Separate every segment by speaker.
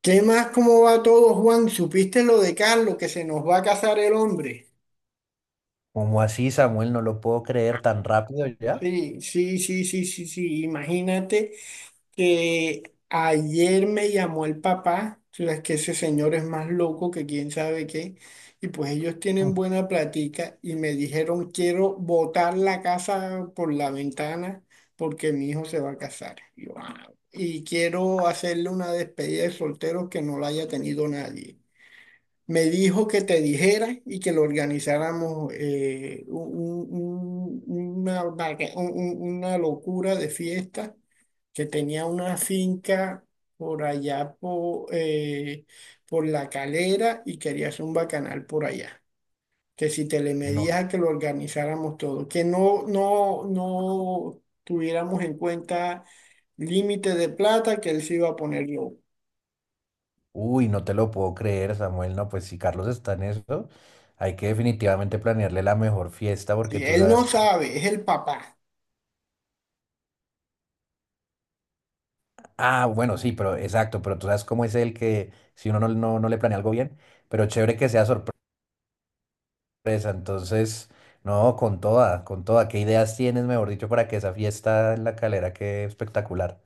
Speaker 1: ¿Qué más? ¿Cómo va todo, Juan? ¿Supiste lo de Carlos, que se nos va a casar el hombre?
Speaker 2: ¿Cómo así, Samuel? No lo puedo creer tan rápido ya.
Speaker 1: Sí, sí, sí, sí, sí, sí. Imagínate que ayer me llamó el papá. O sea, es que ese señor es más loco que quién sabe qué, y pues ellos tienen buena platica y me dijeron, quiero botar la casa por la ventana porque mi hijo se va a casar. Y yo, "Ah". Y quiero hacerle una despedida de solteros que no la haya tenido nadie. Me dijo que te dijera y que lo organizáramos, un- una, vaca- un- una locura de fiesta, que tenía una finca por allá por La Calera, y quería hacer un bacanal por allá. Que si te le medías
Speaker 2: No.
Speaker 1: a que lo organizáramos todo, que no tuviéramos en cuenta límite de plata, que él se iba a poner yo.
Speaker 2: Uy, no te lo puedo creer, Samuel. No, pues si Carlos está en eso, hay que definitivamente planearle la mejor fiesta porque
Speaker 1: Si
Speaker 2: tú
Speaker 1: él
Speaker 2: sabes
Speaker 1: no
Speaker 2: cómo...
Speaker 1: sabe, es el papá.
Speaker 2: Ah, bueno, sí, pero exacto, pero tú sabes cómo es el que si uno no le planea algo bien, pero chévere que sea sorpresa. Entonces, no, con toda, con toda. ¿Qué ideas tienes, mejor dicho, para que esa fiesta en la Calera quede espectacular?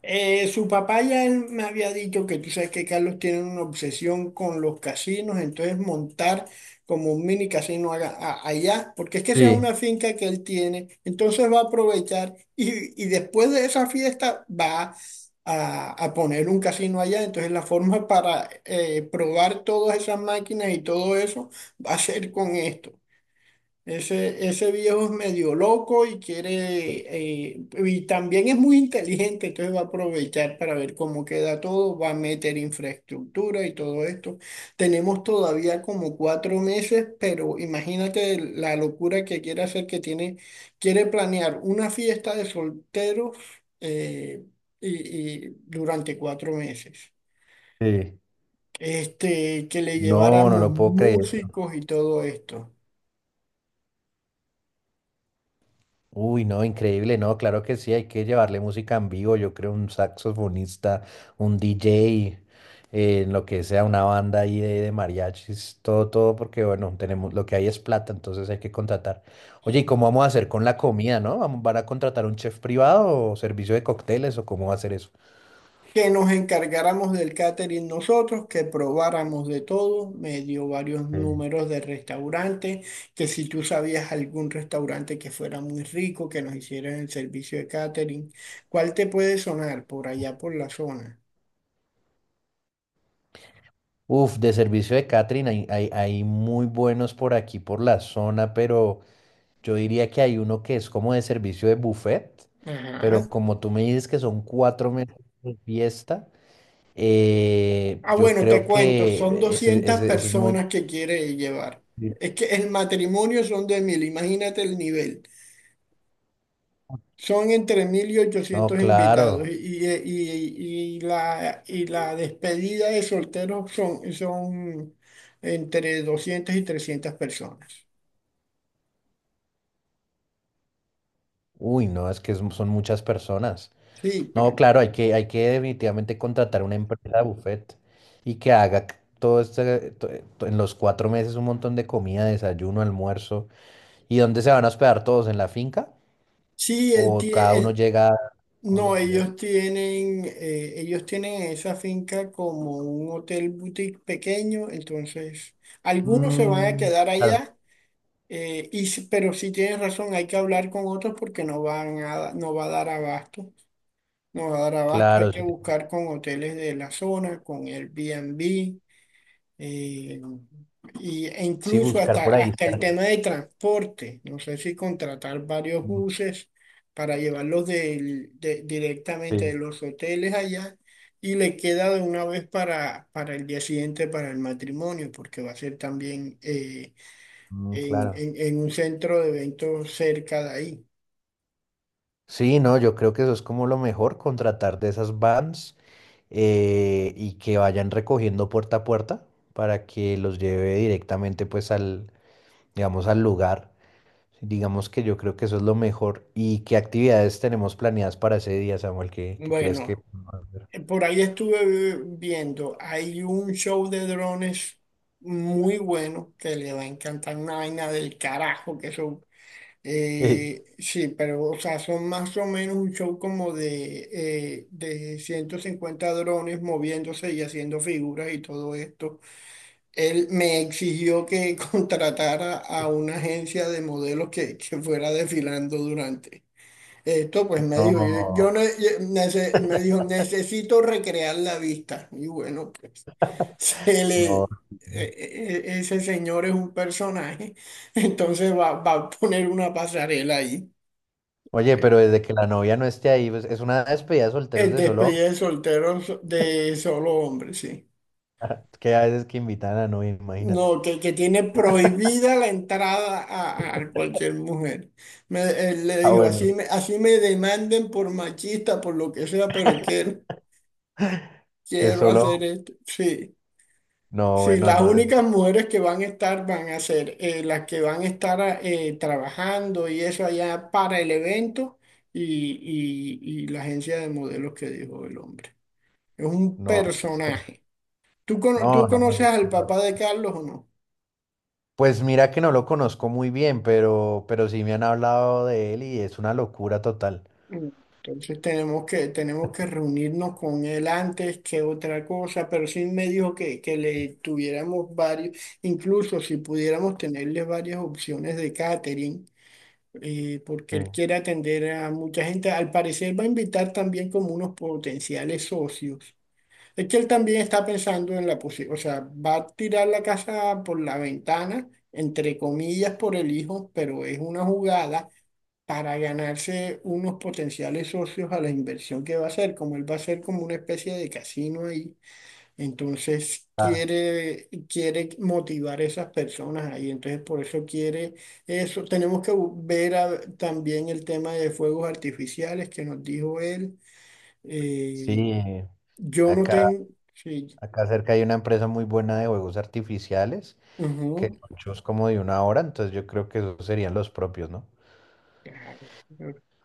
Speaker 1: Su papá ya él me había dicho que tú sabes que Carlos tiene una obsesión con los casinos, entonces montar como un mini casino allá, porque es que esa es
Speaker 2: Sí,
Speaker 1: una finca que él tiene, entonces va a aprovechar, y después de esa fiesta va a poner un casino allá, entonces la forma para probar todas esas máquinas y todo eso va a ser con esto. Ese viejo es medio loco y quiere, y también es muy inteligente, entonces va a aprovechar para ver cómo queda todo, va a meter infraestructura y todo esto. Tenemos todavía como cuatro meses, pero imagínate la locura que quiere hacer, que tiene, quiere planear una fiesta de solteros, eh, y, y durante cuatro meses.
Speaker 2: sí.
Speaker 1: Este, que le
Speaker 2: No, no
Speaker 1: lleváramos
Speaker 2: lo puedo creer.
Speaker 1: músicos y todo esto.
Speaker 2: Uy, no, increíble, no, claro que sí, hay que llevarle música en vivo, yo creo un saxofonista, un DJ, lo que sea, una banda ahí de mariachis, todo, todo, porque bueno, tenemos, lo que hay es plata, entonces hay que contratar. Oye, ¿y cómo vamos a hacer con la comida, no? ¿Vamos-? ¿Van a contratar un chef privado o servicio de cócteles o cómo va a ser eso?
Speaker 1: Que nos encargáramos del catering nosotros, que probáramos de todo, me dio varios
Speaker 2: Mm.
Speaker 1: números de restaurantes, que si tú sabías algún restaurante que fuera muy rico, que nos hicieran el servicio de catering. ¿Cuál te puede sonar por allá por la zona?
Speaker 2: Uf, de servicio de catering hay, hay muy buenos por aquí, por la zona, pero yo diría que hay uno que es como de servicio de buffet, pero
Speaker 1: Ajá.
Speaker 2: como tú me dices que son cuatro meses de fiesta,
Speaker 1: Ah,
Speaker 2: yo
Speaker 1: bueno, te
Speaker 2: creo
Speaker 1: cuento, son
Speaker 2: que ese,
Speaker 1: 200
Speaker 2: ese es muy...
Speaker 1: personas que quiere llevar. Es que el matrimonio son de mil, imagínate el nivel. Son entre 1.000 y
Speaker 2: No,
Speaker 1: ochocientos invitados,
Speaker 2: claro.
Speaker 1: y la despedida de solteros son entre 200 y 300 personas.
Speaker 2: Uy, no, es que es- son muchas personas.
Speaker 1: Sí, pero
Speaker 2: No, claro, hay que definitivamente contratar una empresa de buffet y que haga c- todo este, to- to- en los cuatro meses un montón de comida, desayuno, almuerzo. ¿Y dónde se van a hospedar todos? ¿En la finca?
Speaker 1: sí,
Speaker 2: ¿O cada uno llega todos
Speaker 1: no,
Speaker 2: los días?
Speaker 1: ellos tienen esa finca como un hotel boutique pequeño, entonces algunos se van a
Speaker 2: Mm,
Speaker 1: quedar
Speaker 2: claro,
Speaker 1: allá, pero si tienes razón, hay que hablar con otros porque no van a, no va a dar abasto. No va a dar abasto, hay
Speaker 2: claro,
Speaker 1: que
Speaker 2: sí.
Speaker 1: buscar con hoteles de la zona, con Airbnb, eh, e
Speaker 2: Sí,
Speaker 1: incluso
Speaker 2: buscar
Speaker 1: hasta,
Speaker 2: por ahí
Speaker 1: hasta el
Speaker 2: cerca.
Speaker 1: tema de transporte. No sé si contratar varios
Speaker 2: Mm.
Speaker 1: buses para llevarlos directamente de
Speaker 2: Sí,
Speaker 1: los hoteles allá, y le queda de una vez para el día siguiente, para el matrimonio, porque va a ser también,
Speaker 2: mm, claro.
Speaker 1: en un centro de eventos cerca de ahí.
Speaker 2: Sí, no, yo creo que eso es como lo mejor, contratar de esas vans y que vayan recogiendo puerta a puerta para que los lleve directamente pues al, digamos, al lugar. Digamos que yo creo que eso es lo mejor. ¿Y qué actividades tenemos planeadas para ese día, Samuel? ¿Qué, qué crees que
Speaker 1: Bueno.
Speaker 2: podemos hacer?
Speaker 1: Por ahí estuve viendo, hay un show de drones muy bueno que le va a encantar, una vaina del carajo, que son, sí, pero o sea, son más o menos un show como de 150 drones moviéndose y haciendo figuras y todo esto. Él me exigió que contratara a una agencia de modelos que fuera desfilando durante. Esto pues me dijo, yo,
Speaker 2: No,
Speaker 1: me dijo, necesito recrear la vista. Y bueno, pues se le,
Speaker 2: no.
Speaker 1: ese señor es un personaje, entonces va, va a poner una pasarela ahí.
Speaker 2: Oye, pero
Speaker 1: Eh,
Speaker 2: desde que la novia no esté ahí, pues, es una despedida de solteros
Speaker 1: El
Speaker 2: de solo, hombres,
Speaker 1: despedida de soltero de solo hombre, sí.
Speaker 2: que a veces que invitan a la novia, imagínate.
Speaker 1: No, que tiene prohibida la entrada a cualquier mujer. Me, él le
Speaker 2: Ah,
Speaker 1: dijo,
Speaker 2: bueno.
Speaker 1: así me demanden por machista, por lo que sea, pero quiero,
Speaker 2: Que
Speaker 1: quiero
Speaker 2: solo,
Speaker 1: hacer esto. Sí.
Speaker 2: no,
Speaker 1: Sí,
Speaker 2: bueno,
Speaker 1: las
Speaker 2: no, es-
Speaker 1: únicas mujeres que van a estar van a ser, las que van a estar, trabajando y eso allá para el evento, y, y la agencia de modelos que dijo el hombre. Es un
Speaker 2: no, esto,
Speaker 1: personaje. ¿Tú,
Speaker 2: no,
Speaker 1: tú
Speaker 2: no.
Speaker 1: conoces
Speaker 2: no.
Speaker 1: al
Speaker 2: no, no.
Speaker 1: papá de Carlos o no?
Speaker 2: Pues mira que no lo conozco muy bien, pero sí me han hablado de él y es una locura total.
Speaker 1: Mm. Entonces tenemos que reunirnos con él antes que otra cosa, pero sí me dijo que le tuviéramos varios, incluso si pudiéramos tenerle varias opciones de catering, porque
Speaker 2: Sí.
Speaker 1: él quiere atender a mucha gente. Al parecer va a invitar también como unos potenciales socios. Es que él también está pensando en la posibilidad. O sea, va a tirar la casa por la ventana, entre comillas, por el hijo, pero es una jugada para ganarse unos potenciales socios a la inversión que va a hacer, como él va a hacer como una especie de casino ahí. Entonces
Speaker 2: Ah,
Speaker 1: quiere, quiere motivar a esas personas ahí. Entonces por eso quiere eso. Tenemos que también el tema de fuegos artificiales que nos dijo él. Eh,
Speaker 2: sí,
Speaker 1: yo no
Speaker 2: acá,
Speaker 1: tengo... Sí.
Speaker 2: acá cerca hay una empresa muy buena de juegos artificiales, que
Speaker 1: Ujú,
Speaker 2: son shows como de una hora, entonces yo creo que esos serían los propios, ¿no?
Speaker 1: claro,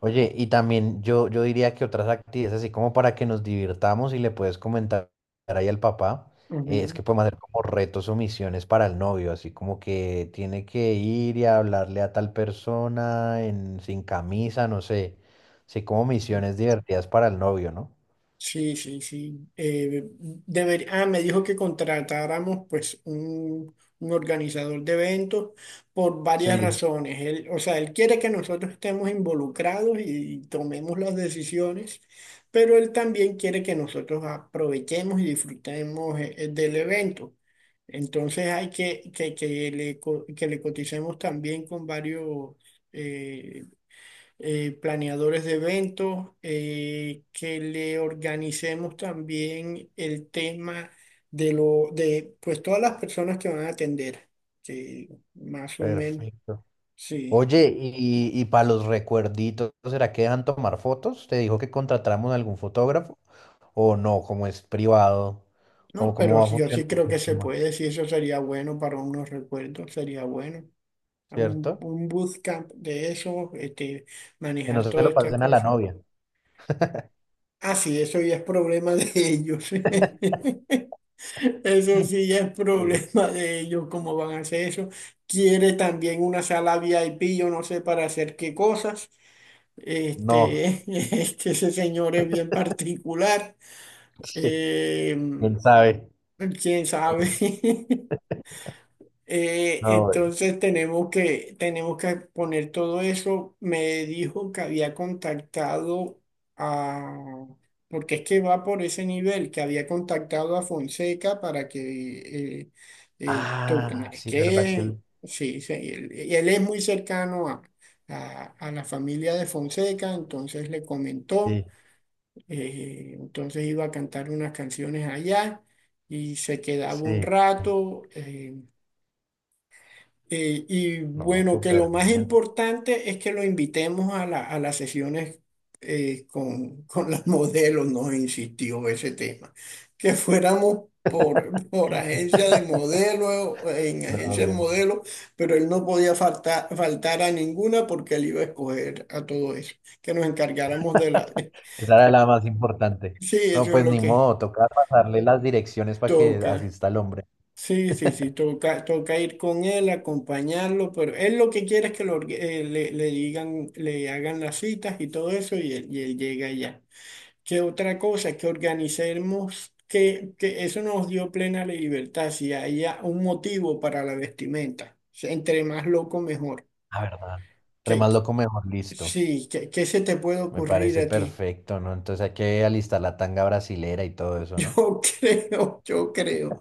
Speaker 2: Oye, y también yo diría que otras actividades, así como para que nos divirtamos y le puedes comentar ahí al papá, es
Speaker 1: ujú,
Speaker 2: que podemos hacer como retos o misiones para el novio, así como que tiene que ir y hablarle a tal persona en, sin camisa, no sé, así como
Speaker 1: sí.
Speaker 2: misiones divertidas para el novio, ¿no?
Speaker 1: Sí, sí, sí. Me dijo que contratáramos pues un organizador de eventos por varias
Speaker 2: Sí.
Speaker 1: razones. Él, o sea, él quiere que nosotros estemos involucrados y tomemos las decisiones, pero él también quiere que nosotros aprovechemos y disfrutemos, del evento. Entonces hay que le, que le coticemos también con varios eh, planeadores de eventos, que le organicemos también el tema de lo, de pues todas las personas que van a atender, que más o menos,
Speaker 2: Perfecto.
Speaker 1: sí.
Speaker 2: Oye, y para los recuerditos, ¿será que dejan tomar fotos? ¿Te dijo que contratáramos algún fotógrafo? ¿O no? Como es privado, ¿cómo,
Speaker 1: No,
Speaker 2: cómo
Speaker 1: pero
Speaker 2: va a
Speaker 1: sí, yo
Speaker 2: funcionar
Speaker 1: sí creo que
Speaker 2: el
Speaker 1: se
Speaker 2: tema?
Speaker 1: puede, sí, eso sería bueno para unos recuerdos, sería bueno.
Speaker 2: ¿Cierto?
Speaker 1: Un bootcamp de eso, este,
Speaker 2: Que no
Speaker 1: manejar
Speaker 2: se
Speaker 1: toda
Speaker 2: lo
Speaker 1: esta
Speaker 2: pasen a la
Speaker 1: cosa.
Speaker 2: novia.
Speaker 1: Ah, sí, eso ya es problema de ellos. Eso sí ya es
Speaker 2: Eh,
Speaker 1: problema de ellos, cómo van a hacer eso. Quiere también una sala VIP, yo no sé para hacer qué cosas.
Speaker 2: No.
Speaker 1: Este, este, ese señor es bien particular.
Speaker 2: Sí.
Speaker 1: Eh,
Speaker 2: Quién sabe.
Speaker 1: quién sabe.
Speaker 2: No,
Speaker 1: Entonces tenemos que poner todo eso. Me dijo que había contactado a, porque es que va por ese nivel, que había contactado a Fonseca para que toquen.
Speaker 2: Ah,
Speaker 1: Es
Speaker 2: sí, ¿verdad que
Speaker 1: que
Speaker 2: él?
Speaker 1: sí, sí, él es muy cercano a, a la familia de Fonseca, entonces le comentó,
Speaker 2: Sí,
Speaker 1: entonces iba a cantar unas canciones allá y se quedaba un
Speaker 2: sí.
Speaker 1: rato. Y
Speaker 2: No,
Speaker 1: bueno, que lo
Speaker 2: súper
Speaker 1: más
Speaker 2: bien.
Speaker 1: importante es que lo invitemos a a las sesiones, con, con las modelos, nos insistió ese tema. Que fuéramos por, por agencia de modelos, en
Speaker 2: No,
Speaker 1: agencia de
Speaker 2: bien.
Speaker 1: modelos, pero él no podía faltar, faltar a ninguna porque él iba a escoger a todo eso. Que nos encargáramos de la...
Speaker 2: Esa era la más importante.
Speaker 1: Sí,
Speaker 2: No,
Speaker 1: eso es
Speaker 2: pues
Speaker 1: lo
Speaker 2: ni
Speaker 1: que
Speaker 2: modo, toca pasarle las direcciones para que
Speaker 1: toca.
Speaker 2: asista el hombre.
Speaker 1: Sí, sí, sí, toca, toca ir con él, acompañarlo, pero él lo que quiere es que lo le, le digan, le hagan las citas y todo eso, y él llega allá. ¿Qué otra cosa? Que organicemos, que eso nos dio plena libertad, si haya un motivo para la vestimenta. O sea, entre más loco, mejor.
Speaker 2: La verdad. Entre
Speaker 1: Que,
Speaker 2: más loco, mejor listo.
Speaker 1: sí, que, ¿qué se te puede
Speaker 2: Me
Speaker 1: ocurrir
Speaker 2: parece
Speaker 1: a ti?
Speaker 2: perfecto, ¿no? Entonces hay que alistar la tanga brasilera y todo eso, ¿no?
Speaker 1: Yo creo, yo creo.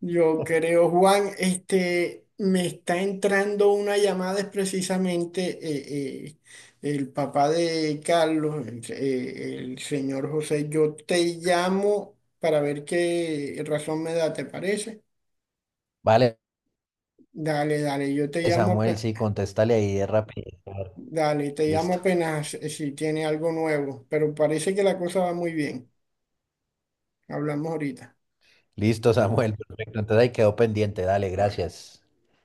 Speaker 1: Yo creo, Juan, este, me está entrando una llamada, es precisamente el papá de Carlos, el señor José. Yo te llamo para ver qué razón me da, ¿te parece?
Speaker 2: Vale,
Speaker 1: Dale, dale, yo te llamo,
Speaker 2: Samuel, sí, contéstale ahí de rapidito.
Speaker 1: dale, te llamo
Speaker 2: Listo.
Speaker 1: apenas, si tiene algo nuevo, pero parece que la cosa va muy bien. Hablamos ahorita.
Speaker 2: Listo, Samuel, perfecto. Entonces ahí quedó pendiente. Dale,
Speaker 1: Vale.
Speaker 2: gracias.